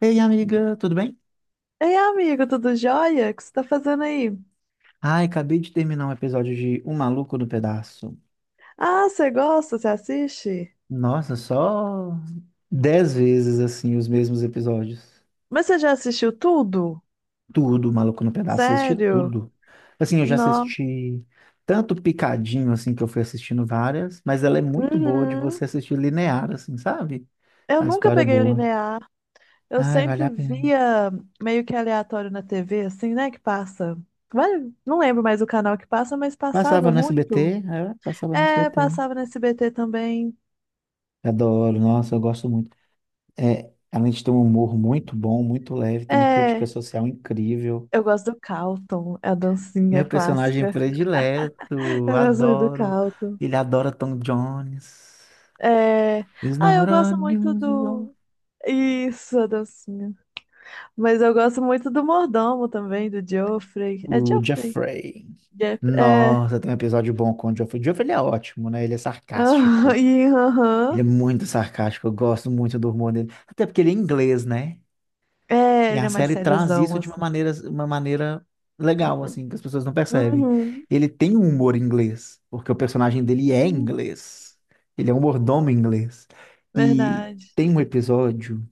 Ei, amiga, tudo bem? Ei, amigo, tudo jóia? O que você tá fazendo aí? Ai, acabei de terminar um episódio de O Maluco no Pedaço. Ah, você gosta? Você assiste? Nossa, só 10 vezes assim os mesmos episódios. Mas você já assistiu tudo? Tudo, Maluco no Pedaço, assisti Sério? tudo. Assim, eu já Não. assisti tanto picadinho assim que eu fui assistindo várias, mas ela é muito boa de Uhum. você assistir linear assim, sabe? Eu A nunca história é peguei boa. linear. Eu Ai, vale sempre a pena. via meio que aleatório na TV, assim, né? Que passa. Não lembro mais o canal que passa, mas Passava passava no SBT, muito. é, passava no É, SBT. passava no SBT também. Adoro, nossa, eu gosto muito. É, além de ter um humor muito bom, muito leve, tem uma crítica É, social incrível. eu gosto do calton é a dancinha Meu personagem clássica. predileto, Eu gosto muito do adoro. calton. Ele adora Tom Jones. É. He's Ah, eu not gosto muito unusual. do. Isso, a dancinha. Mas eu gosto muito do mordomo também, do Geoffrey. É O Geoffrey? Jeffrey. É. Nossa, tem um episódio bom com o Jeffrey. O Jeffrey ele é ótimo, né? Ele é Aham, sarcástico. e Ele é aham. muito sarcástico. Eu gosto muito do humor dele. Até porque ele é inglês, né? É, E ele a é mais série traz sériozão, isso de uma assim. maneira, uma maneira legal, assim, que as pessoas não percebem. Uhum. Ele tem um humor inglês, porque o personagem dele é Hum, inglês. Ele é um mordomo inglês. E verdade. tem um episódio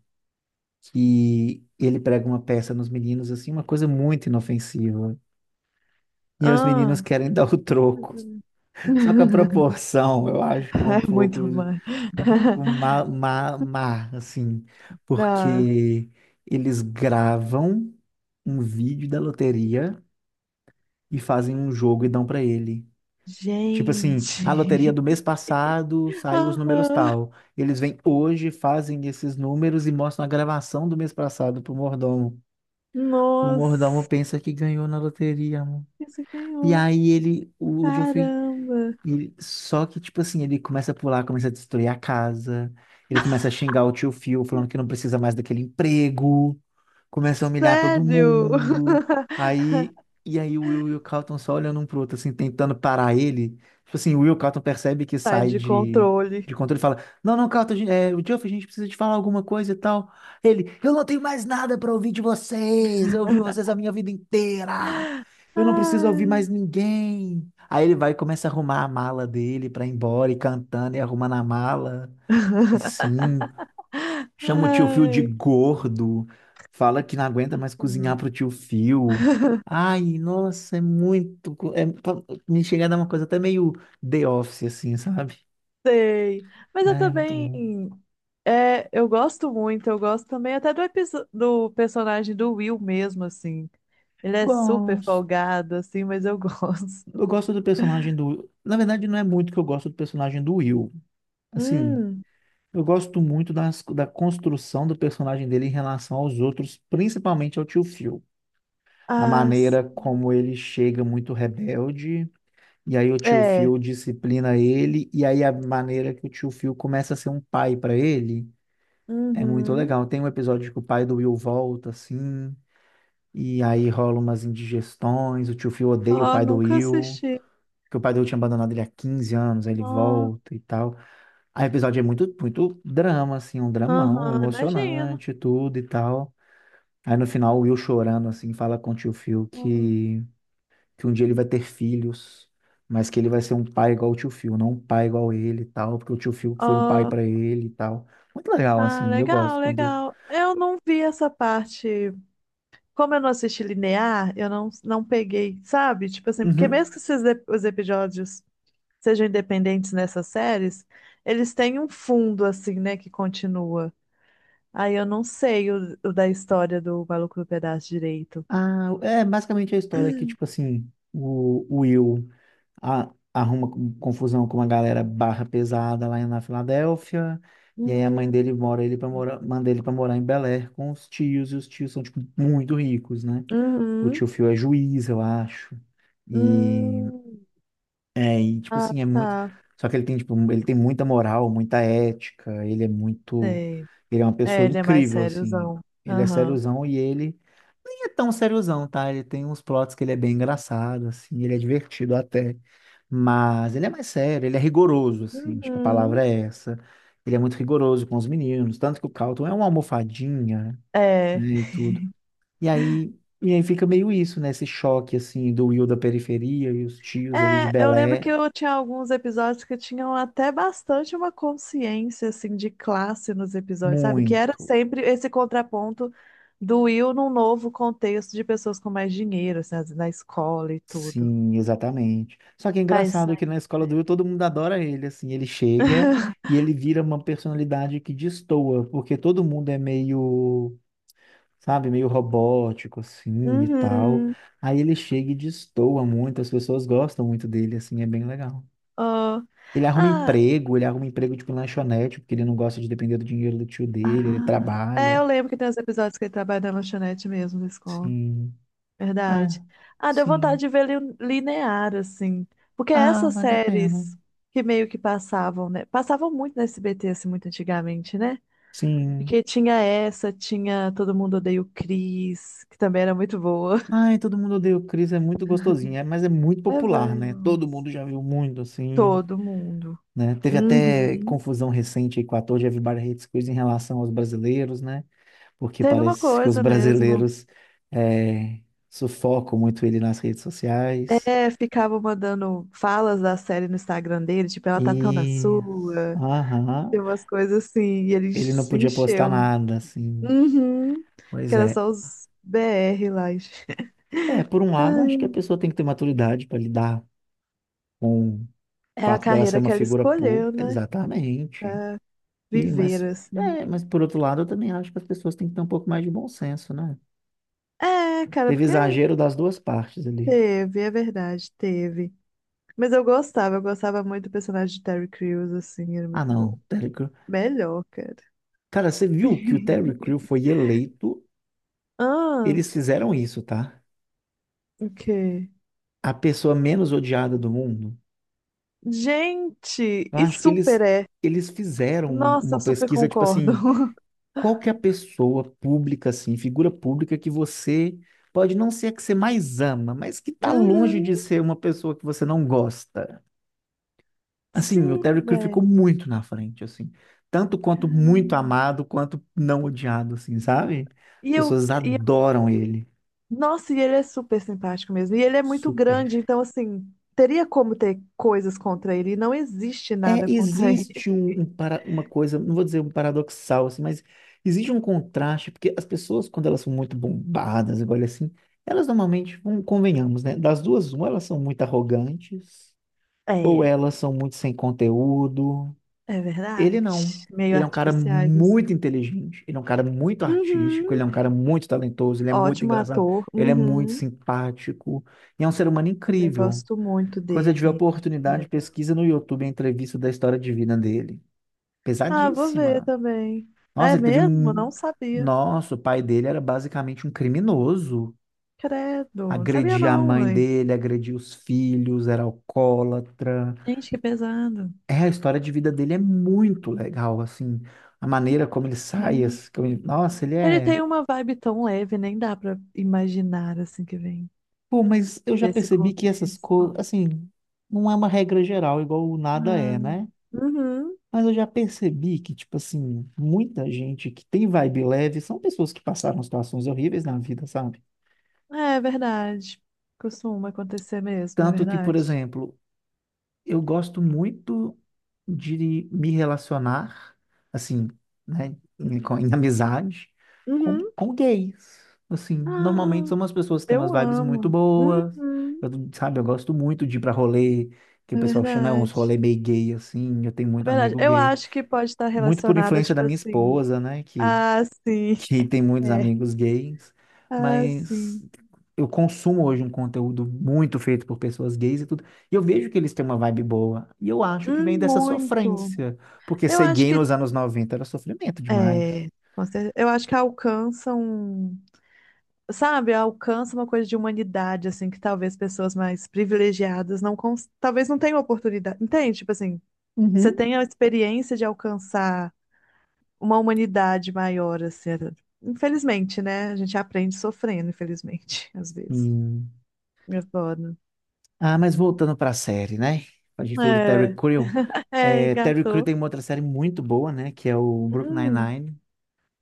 que ele prega uma peça nos meninos, assim, uma coisa muito inofensiva. E os meninos Ah. querem dar o troco. Só que a proporção, eu acho que é um É pouco, muito um mais. pouco má, má, má, assim, Ah, porque eles gravam um vídeo da loteria e fazem um jogo e dão pra ele. Tipo assim, a loteria gente. do mês passado saiu os números Aham. tal. Eles vêm hoje, fazem esses números e mostram a gravação do mês passado pro mordomo. O mordomo Nossa. pensa que ganhou na loteria, amor. Isso E ganhou. aí ele, o Geoffrey. Caramba. E, só que, tipo assim, ele começa a pular, começa a destruir a casa, ele começa a xingar o tio Phil, falando que não precisa mais daquele emprego, começa a humilhar todo Sério? mundo. Aí, e aí o Will e o Carlton só olhando um pro outro, assim, tentando parar ele. Tipo assim, o Will, o Carlton percebe que Sai sai de de, controle. de controle e fala: Não, não, Carlton, é, o Geoff, a gente precisa te falar alguma coisa e tal. Ele: Eu não tenho mais nada pra ouvir de vocês. Eu ouvi vocês a minha vida inteira. Eu não preciso ouvir Ai, mais ninguém. Aí ele vai e começa a arrumar a mala dele pra ir embora e cantando e arrumando a mala. Assim. Chama o tio Phil de ai. gordo, fala que não aguenta mais cozinhar como- pro tio Phil. Ai, nossa, é muito. Me chega a dar uma coisa até meio The Office, assim, sabe? Sei. Mas eu É, muito também. bom. É, eu gosto muito, eu gosto também até do, do personagem do Will mesmo, assim. Ele é super Gosto. folgado, assim, mas eu gosto. Eu gosto do personagem do. Na verdade, não é muito que eu gosto do personagem do Will. Assim, Hum, eu gosto muito da construção do personagem dele em relação aos outros, principalmente ao tio Phil. A as, maneira como ele chega muito rebelde. E aí o tio é. Phil disciplina ele, e aí a maneira que o tio Phil começa a ser um pai para ele é muito Uhum. legal. Tem um episódio que o pai do Will volta, assim, e aí rola umas indigestões, o tio Phil odeia o Ó, pai do nunca Will, assisti. porque o pai do Will tinha abandonado ele há 15 anos, aí ele Ah, volta e tal. Aí o episódio é muito, muito drama, assim, um dramão aham, imagino. emocionante, tudo e tal. Aí no final o Will chorando, assim, fala com o tio Phil Ó, que um dia ele vai ter filhos, mas que ele vai ser um pai igual o tio Phil, não um pai igual ele e tal, porque o tio Phil foi um pai ó, pra ele e tal. Muito legal, ah, assim, eu gosto legal, quando. legal. Eu não vi essa parte. Como eu não assisti linear, eu não peguei, sabe? Tipo assim, porque Uhum. mesmo que esses os episódios sejam independentes nessas séries, eles têm um fundo, assim, né, que continua. Aí eu não sei o da história do Maluco do Pedaço direito. Ah, é basicamente é a história que, tipo assim, o Will arruma confusão com uma galera barra pesada lá na Filadélfia. E aí a mãe Hum, dele mora ele para morar, manda ele para morar em Bel Air com os tios, e os tios são, tipo, muito ricos, né? O uhum, tio Phil é juiz, eu acho. e hum. É, e tipo Ah, assim, é muito. tá, Só que ele tem, tipo, ele tem muita moral, muita ética, ele é muito. sei. Ele é uma É, pessoa ele é mais incrível, assim. sériozão. Ele é Aham. sériozão e ele nem é tão sériozão, tá? Ele tem uns plots que ele é bem engraçado, assim, ele é divertido até. Mas ele é mais sério, ele é rigoroso, assim, acho que a Uhum. palavra é essa. Ele é muito rigoroso com os meninos, tanto que o Carlton é uma almofadinha, É. né, e tudo. E aí, e aí fica meio isso, né? Esse choque, assim, do Will da periferia e os tios ali de É, eu lembro que Belé. eu tinha alguns episódios que tinham até bastante uma consciência, assim, de classe nos episódios, sabe? Que era Muito. sempre esse contraponto do Will num novo contexto de pessoas com mais dinheiro, assim, na escola e tudo. Sim, exatamente. Só que é Ah, isso engraçado aí. que na escola do Will todo mundo adora ele, assim, ele chega e ele vira uma personalidade que destoa, porque todo mundo é meio, sabe, meio robótico, assim, e tal. Uhum. Aí ele chega e destoa muito, as pessoas gostam muito dele, assim, é bem legal. Oh. Ah, Ele arruma emprego, tipo, em lanchonete, porque ele não gosta de depender do dinheiro do tio dele, ele ah. É, trabalha, eu lembro que tem os episódios que ele trabalha na lanchonete mesmo da escola. sim. Verdade. Ah, Ah, deu vontade sim. de ver linear, assim. Porque Ah, essas vale a pena. séries que meio que passavam, né? Passavam muito na SBT, assim, muito antigamente, né? Sim. Porque tinha essa, tinha Todo Mundo Odeia o Chris, que também era muito boa. Ai, todo mundo odeia o Chris, é muito gostosinho, é, mas é muito É popular, bem. né? Bom. Todo mundo já viu muito, assim, Todo mundo. né? Teve até Uhum. confusão recente aí com o ator de Everybody Hates Chris em relação aos brasileiros, né? Porque Teve uma parece que os coisa mesmo. brasileiros é, sufocam muito ele nas redes sociais. É, ficavam mandando falas da série no Instagram dele, tipo, ela tá tão na E... sua. Aham. Tem umas coisas assim, e ele Ele não se podia postar encheu. nada, assim. Uhum. Que Pois era é. só os BR lá. Gente. É, por um lado, acho que a Ai, pessoa tem que ter maturidade para lidar com o é a fato dela ser carreira uma que ela figura escolheu, pública. né? Exatamente. Pra E, viver, mas, assim. mas por outro lado, eu também acho que as pessoas têm que ter um pouco mais de bom senso, né? É, cara, Teve porque exagero das duas partes ali. teve, é verdade, teve. Mas eu gostava muito do personagem de Terry Crews, assim, era Ah, muito bom. não, Terry Crew. Melhor, cara. Cara, você viu que o Terry Crew foi eleito? Ah, Eles fizeram isso, tá? o quê? A pessoa menos odiada do mundo. Gente, Eu e acho que super eles, é. eles fizeram Nossa, uma eu super pesquisa, tipo concordo. assim, qual que é a pessoa pública, assim, figura pública que você pode não ser a que você mais ama, mas que tá Uhum, longe de ser uma pessoa que você não gosta. Assim, o sim, Terry Crews ficou velho. muito na frente, assim. Tanto quanto muito Caramba. amado, quanto não odiado, assim, sabe? E As eu, pessoas e adoram ele. Nossa, e ele é super simpático mesmo. E ele é muito Super. grande, então, assim, teria como ter coisas contra ele. E não existe É, nada contra ele. existe um, um para, uma coisa, não vou dizer um paradoxal, assim, mas existe um contraste, porque as pessoas, quando elas são muito bombadas, agora assim, elas normalmente, convenhamos, né? Das duas, uma, elas são muito arrogantes, ou É, elas são muito sem conteúdo. é Ele verdade. não. Meio Ele é um cara artificiais, assim. muito inteligente, ele é um cara muito artístico, ele Uhum. é um cara muito talentoso, ele é muito Ótimo engraçado, ator. ele é muito Uhum. simpático, e é um ser humano Também incrível. gosto muito Quando você tiver dele. Acho que é oportunidade, legal. pesquisa no YouTube a entrevista da história de vida dele. Ah, vou ver Pesadíssima. também. Nossa, É ele teve mesmo? Não um... sabia. Nossa, o pai dele era basicamente um criminoso. Credo. Não sabia, Agredia a não, mãe mãe. dele, agredia os filhos, era alcoólatra. Gente, que pesado. É, a história de vida dele é muito legal, assim, a maneira como ele sai, Sim. Nossa, ele Ele é... tem uma vibe tão leve, nem dá pra imaginar assim que vem. Pô, mas eu já Desse percebi que essas coisas, contexto. assim, não é uma regra geral, igual o nada Ah, é, né? uhum. Mas eu já percebi que, tipo assim, muita gente que tem vibe leve são pessoas que passaram situações horríveis na vida, sabe? É é verdade. Costuma acontecer mesmo, é Tanto que, por verdade. exemplo, eu gosto muito de me relacionar, assim, né, em, em amizade, Uhum. com gays. Assim, normalmente Ah, são umas pessoas que têm umas eu vibes muito amo. boas. Uhum. Eu, sabe, eu gosto muito de ir pra rolê, que o É pessoal chama, né, uns verdade. rolê meio gay, assim. Eu tenho muito É verdade. amigo Eu gay. acho que pode estar Muito por relacionada, influência da tipo minha assim. esposa, né, que Ah, sim. que tem muitos É. amigos gays, Ah, mas sim. eu consumo hoje um conteúdo muito feito por pessoas gays e tudo, e eu vejo que eles têm uma vibe boa, e eu acho que vem dessa Muito. sofrência, porque Eu ser acho gay que. nos anos 90 era sofrimento demais. É. Eu acho que alcançam. Sabe, alcança uma coisa de humanidade, assim, que talvez pessoas mais privilegiadas não, talvez não tenham oportunidade, entende? Tipo assim, você Uhum. tem a experiência de alcançar uma humanidade maior, assim, é, infelizmente, né? A gente aprende sofrendo, infelizmente, às vezes. Hum. É foda. Ah, mas voltando para a série, né? A gente falou do Terry É, Crew. é, É, Terry Crew gato. tem uma outra série muito boa, né? Que é o Brooklyn Hum, Nine-Nine.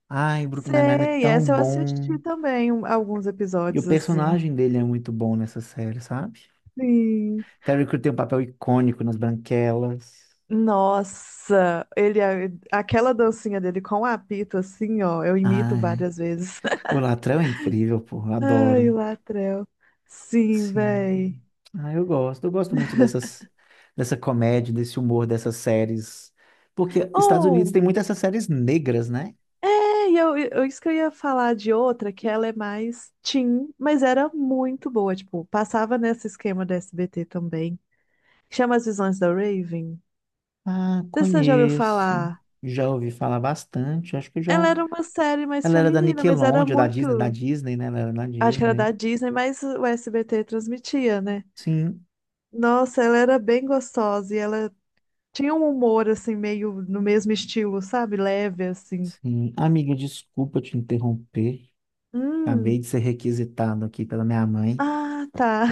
Ai, Brooklyn Nine-Nine é sei, tão essa eu assisti bom. também alguns E o episódios, assim. personagem dele é muito bom nessa série, sabe? Sim. Terry Crews tem um papel icônico nas Branquelas. Nossa, ele é, aquela dancinha dele com o apito assim, ó, eu imito Ai, várias vezes. o Latrell é incrível, pô, eu Ai, o adoro. Latrell. Sim, véi. Sim. Ah, eu gosto. Eu gosto muito dessas, dessa comédia, desse humor, dessas séries. Porque Estados Unidos Oh, tem muitas essas séries negras, né? é, e eu, isso que eu ia falar de outra, que ela é mais teen, mas era muito boa, tipo, passava nesse esquema da SBT também. Chama As Visões da Raven. Ah, Não sei se você já ouviu conheço. falar. Já ouvi falar bastante. Acho que já. Ela era uma série mais Ela era da feminina, mas era Nickelodeon, da muito, Disney, né? Ela era da acho que era da Disney. Disney, mas o SBT transmitia, né? Sim, Nossa, ela era bem gostosa e ela tinha um humor assim meio no mesmo estilo, sabe? Leve assim. sim. Amiga, desculpa te interromper. Hum. Acabei de ser requisitado aqui pela minha mãe. Ah, tá.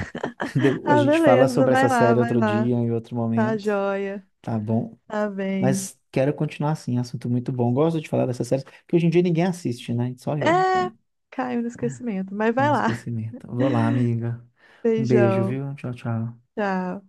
A Ah, gente fala beleza. sobre essa Vai lá, série vai outro lá. dia, em outro Tá momento, joia. tá bom? Tá bem. Mas quero continuar assim, assunto muito bom. Gosto de falar dessa série, porque hoje em dia ninguém assiste, né? Só eu. É, Então, caiu no esquecimento, mas para vai não lá. esquecimento. Vou lá, amiga. Um beijo, Beijão. viu? Tchau, tchau. Tchau.